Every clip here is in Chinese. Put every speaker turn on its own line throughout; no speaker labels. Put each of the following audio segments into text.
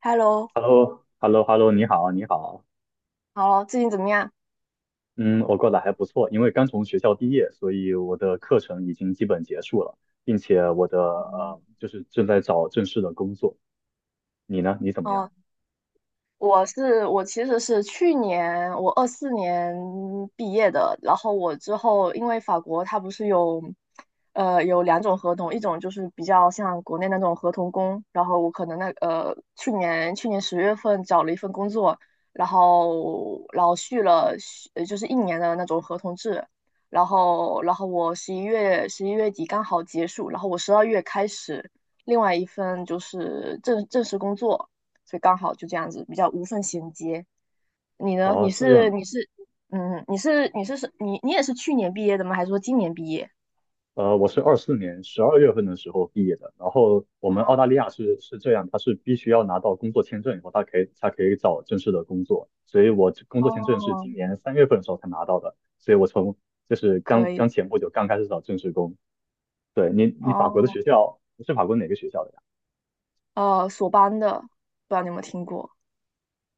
Hello，
h e l l o h e l l o h e l l o 你好，你好，
好了，最近怎么样？
嗯，我过得还不错，因为刚从学校毕业，所以我的课程已经基本结束了，并且就是正在找正式的工作。你呢？你怎么样？
哦、我其实是去年我24年毕业的，然后我之后因为法国它不是有两种合同，一种就是比较像国内那种合同工，然后我可能去年10月份找了一份工作，然后老续了就是一年的那种合同制，然后我十一月底刚好结束，然后我十二月开始另外一份就是正式工作。所以刚好就这样子比较无缝衔接。你呢？你
哦，这
是
样，
你是嗯，你是你是是你你也是去年毕业的吗？还是说今年毕业？
我是24年12月份的时候毕业的，然后我们澳大利亚是这样，它是必须要拿到工作签证以后，它可以才可以找正式的工作，所以我这工作签证是
哦，
今年3月份的时候才拿到的，所以就是
可
刚刚
以
前不久刚开始找正式工。对，你法国的
哦
学校，你是法国哪个学校的呀？
哦，索邦的，不知道你有没有听过，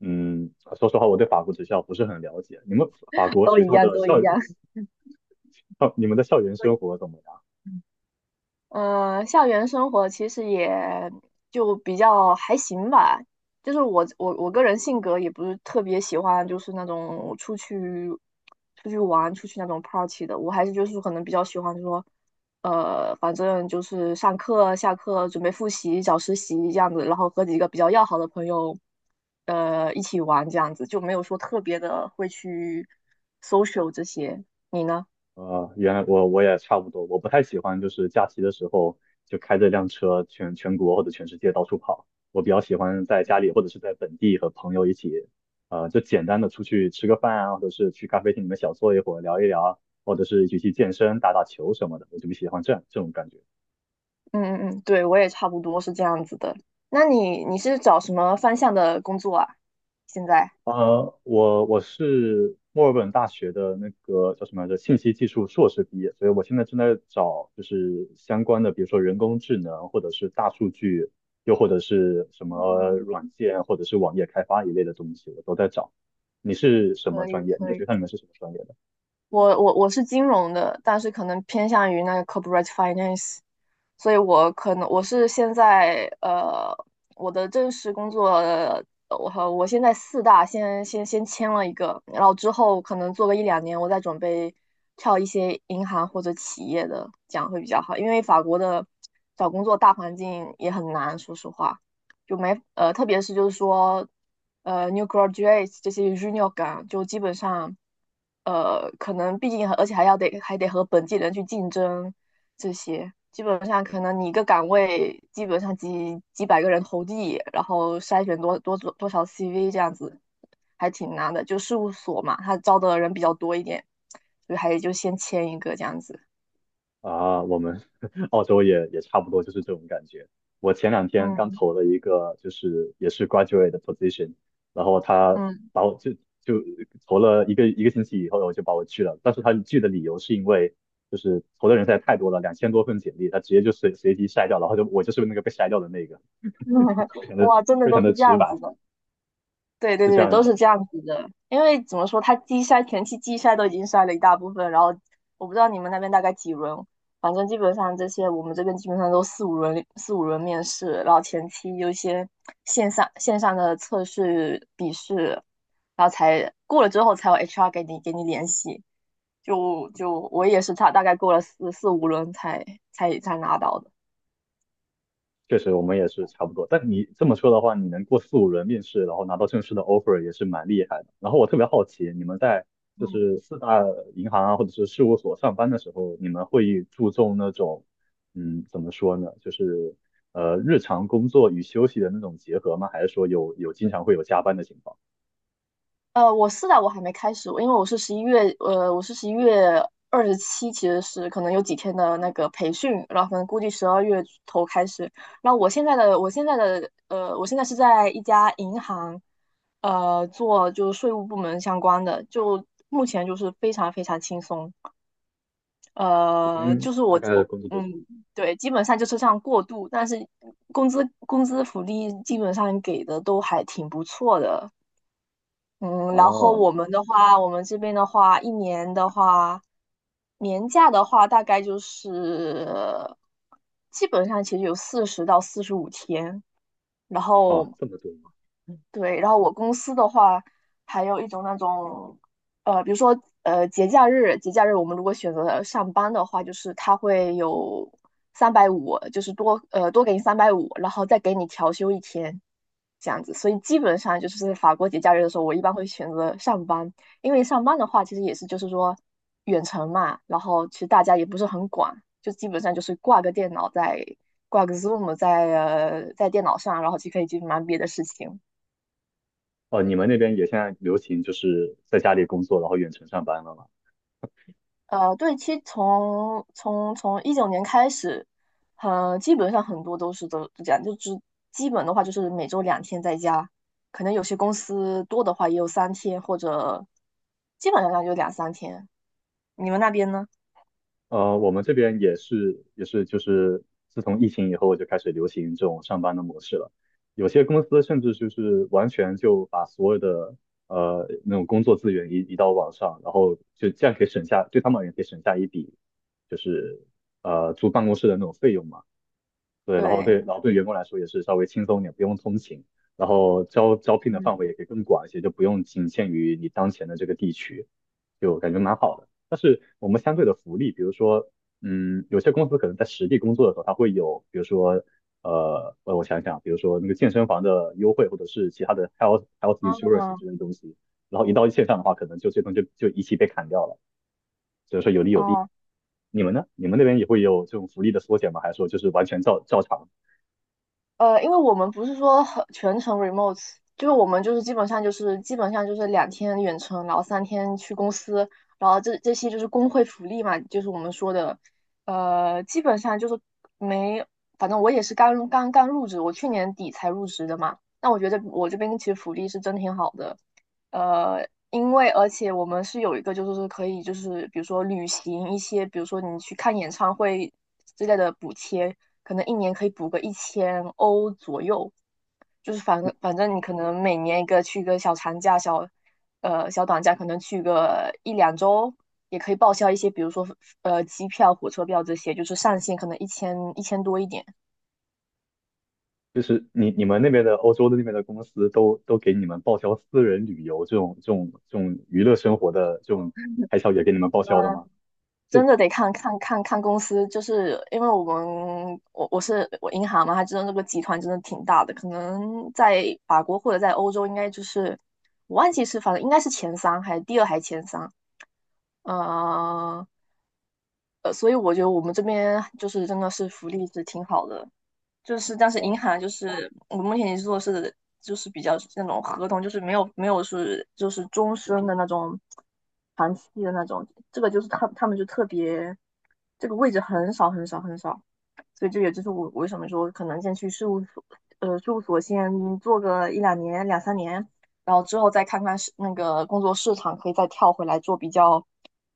嗯，说实话，我对法国学校不是很了解。你们法 国
都
学
一
校
样，
的
都
校
一
园，
样。
你们的校园生活怎么样？
嗯，校园生活其实也就比较还行吧，就是我个人性格也不是特别喜欢，就是那种出去玩、出去那种 party 的，我还是就是可能比较喜欢说，反正就是上课、下课准备复习、找实习这样子，然后和几个比较要好的朋友，一起玩这样子，就没有说特别的会去 social 这些。你呢？
原来我也差不多，我不太喜欢就是假期的时候就开着辆车全国或者全世界到处跑。我比较喜欢在家里或者是在本地和朋友一起，就简单的出去吃个饭啊，或者是去咖啡厅里面小坐一会儿聊一聊，或者是一起去健身、打打球什么的。我就比较喜欢这样这种感觉。
嗯嗯嗯，对，我也差不多是这样子的。那你是找什么方向的工作啊？现在？
我是墨尔本大学的那个叫什么来着，信息技术硕士毕业，所以我现在正在找就是相关的，比如说人工智能，或者是大数据，又或者是什
嗯，
么软件，或者是网页开发一类的东西，我都在找。你是什么
可以
专业？你的
可
学
以。
校里面是什么专业？
我是金融的，但是可能偏向于那个 corporate finance，所以我可能我是现在我的正式工作，我和我现在四大先签了一个，然后之后可能做个一两年，我再准备跳一些银行或者企业的，这样会比较好，因为法国的找工作大环境也很难，说实话。就没呃，特别是就是说，new graduates 这些 junior 岗，就基本上，可能毕竟而且还得和本地人去竞争，这些基本上可能你一个岗位基本上几百个人投递，然后筛选多少 CV 这样子，还挺难的。就事务所嘛，他招的人比较多一点，所以还得就先签一个这样子。
啊，我们 澳洲也差不多就是这种感觉。我前两天刚
嗯
投了一个，就是也是 graduate 的 position，然后他
嗯，
把我就就投了一个星期以后，我就把我拒了。但是他拒的理由是因为就是投的人实在太多了，2000多份简历，他直接就随机筛掉，然后就我就是那个被筛掉的那个，就非 常的
哇，真的
非常
都
的
是这
直
样
白，
子的。对对
是这
对，
样
都是
的。
这样子的。因为怎么说，它前期季筛都已经筛了一大部分，然后我不知道你们那边大概几轮，反正基本上这些我们这边基本上都四五轮面试，然后前期有一些线上的测试笔试，然后才过了之后才有 HR 给你联系。就我也是差大概过了四五轮才拿到的。
确实我们也是差不多。但你这么说的话，你能过四五轮面试，然后拿到正式的 offer 也是蛮厉害的。然后我特别好奇，你们在就
嗯
是四大银行啊，或者是事务所上班的时候，你们会注重那种，怎么说呢，就是日常工作与休息的那种结合吗？还是说有经常会有加班的情况？
我是的，我还没开始，因为我是十一月二十七，其实是可能有几天的那个培训，然后可能估计十二月头开始。然后我现在是在一家银行，做就是税务部门相关的，就目前就是非常非常轻松，
一
呃，
天
就是
大
我
概
我
工作多久？
嗯，对，基本上就是这样过渡，但是工资福利基本上给的都还挺不错的，嗯，然后
哦
我们这边的话，一年的话，年假的话，大概就是基本上其实有40到45天，然
哦，
后
这么多吗？
对，然后我公司的话，还有一种那种，比如说节假日，节假日我们如果选择了上班的话，就是他会有三百五，就是多给你三百五，然后再给你调休一天，这样子。所以基本上就是在法国节假日的时候，我一般会选择上班，因为上班的话其实也是就是说远程嘛，然后其实大家也不是很管，就基本上就是挂个 Zoom 在电脑上，然后就可以去忙别的事情。
哦，你们那边也现在流行就是在家里工作，然后远程上班了吗？
对，其实从19年开始，基本上很多都这样，就只基本的话就是每周两天在家，可能有些公司多的话也有三天，或者基本上就两三天。你们那边呢？
我们这边也是就是自从疫情以后就开始流行这种上班的模式了。有些公司甚至就是完全就把所有的那种工作资源移到网上，然后就这样可以省下，对他们而言可以省下一笔就是租办公室的那种费用嘛。对，然后对，
对，
然后对员工来说也是稍微轻松一点，不用通勤，然后招聘的
嗯。
范围也可以更广一些，就不用仅限于你当前的这个地区，就感觉蛮好的。但是我们相对的福利，比如说，嗯，有些公司可能在实地工作的时候，它会有，比如说，呃，我我想想啊，比如说那个健身房的优惠，或者是其他的 health
哦
insurance 这些东西，然后一到线上的话，可能就这东西就一起被砍掉了，所以说有利有弊。
哦、
你们呢？你们那边也会有这种福利的缩减吗？还是说就是完全照常？
因为我们不是说很全程 remote，就是我们就是基本上就是两天远程，然后三天去公司，然后这些就是工会福利嘛，就是我们说的，呃，基本上就是没，反正我也是刚刚入职，我去年底才入职的嘛，那我觉得我这边其实福利是真挺好的，因为而且我们是有一个，就是说可以，就是比如说旅行一些，比如说你去看演唱会之类的补贴，可能一年可以补个1000欧左右，就是反正你可能每年一个去个小长假、小短假，可能去个一两周，也可以报销一些，比如说机票、火车票这些，就是上限可能一千多一点。
就是你们那边的欧洲的那边的公司都给你们报销私人旅游这种娱乐生活的这种开销也给你们报销的吗？这。
真的得看看公司，就是因为我们我银行嘛，它真的那个集团真的挺大的，可能在法国或者在欧洲应该就是我忘记是反正应该是前三还第二还前三，呃所以我觉得我们这边就是真的是福利是挺好的，就是但是银
哇。
行就是我目前也做的是就是比较那种合同，就是没有是就是终身的那种长期的那种，这个就是他们就特别这个位置很少很少很少，所以这也就是我为什么说可能先去事务所先做个一两年两三年，然后之后再看看是那个工作市场，可以再跳回来做比较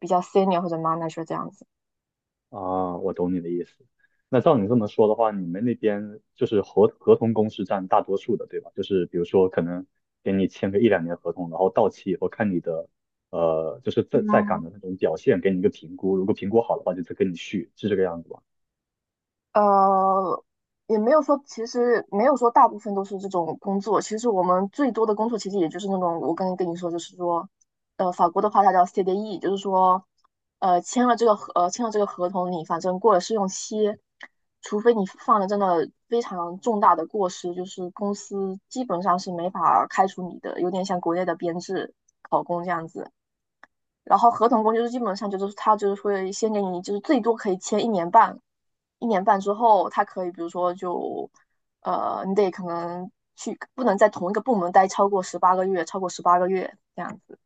比较 senior 或者 manager 这样子。
啊，我懂你的意思。那照你这么说的话，你们那边就是合同工是占大多数的，对吧？就是比如说可能给你签个一两年合同，然后到期以后看你的就是在岗
嗯。
的那种表现，给你一个评估，如果评估好的话就再跟你续，是这个样子吧？
呃，也没有说，其实没有说大部分都是这种工作。其实我们最多的工作，其实也就是那种我刚才跟你说，就是说，法国的话它叫 CDE，就是说，签了这个合同，你反正过了试用期，除非你犯了真的非常重大的过失，就是公司基本上是没法开除你的，有点像国内的编制考公这样子。然后合同工就是基本上就是他就是会先给你就是最多可以签一年半，一年半之后，他可以比如说你得可能去不能在同一个部门待超过十八个月，超过十八个月这样子。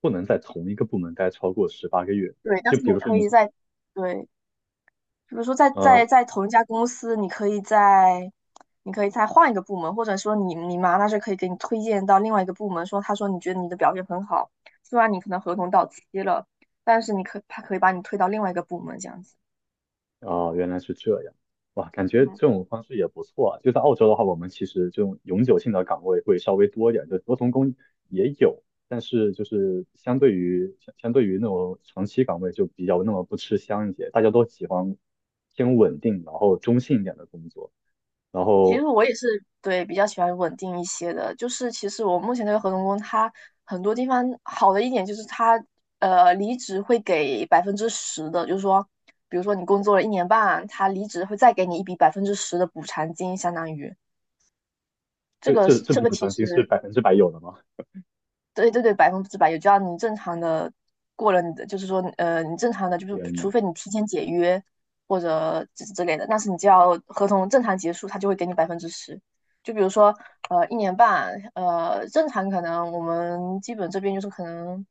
不能在同一个部门待超过18个月。
对，但
就
是
比
你
如说
可
你
以
是。
在对，比如说在
呃，
在在同一家公司，你可以再换一个部门，或者说你妈那是可以给你推荐到另外一个部门，说他说你觉得你的表现很好，虽然你可能合同到期了，但是他可以把你推到另外一个部门这样子。
哦，原来是这样。哇，感觉这
嗯，
种方式也不错啊。就在澳洲的话，我们其实这种永久性的岗位会稍微多一点，就多重工也有，但是就是相对于那种长期岗位就比较那么不吃香一些，大家都喜欢偏稳定，然后中性一点的工作。然
其实
后
我也是，对，比较喜欢稳定一些的，就是其实我目前这个合同工，他很多地方好的一点就是他离职会给百分之十的，就是说，比如说你工作了一年半，他离职会再给你一笔百分之十的补偿金，相当于这
这
个
这这
这
笔
个
补
其
偿金是
实
100%有的吗？
对对对，100%有，只要你正常的过了你的，就是说，你正常的，就是
天呐。
除非你提前解约或者之类的，但是你只要合同正常结束，他就会给你百分之十。就比如说，一年半，正常可能我们基本这边就是可能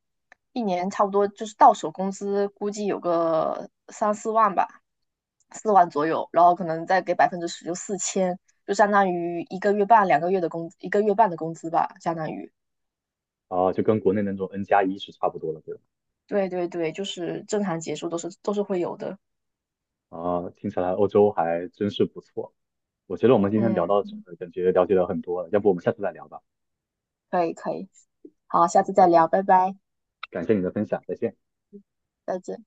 一年差不多就是到手工资估计有个三四万吧，四万左右，然后可能再给百分之十，就4000，就相当于一个月半、两个月的工，一个月半的工资吧，相当于。
啊，就跟国内那种 N+1是差不多的，对吧？
对对对，就是正常结束都是会有的。
啊，听起来欧洲还真是不错。我觉得我们今天
嗯，
聊到这儿感觉了解了很多了，要不我们下次再聊吧。
可以可以，好，下
好
次再
的，
聊，拜拜，
感谢你的分享，再见。
再见。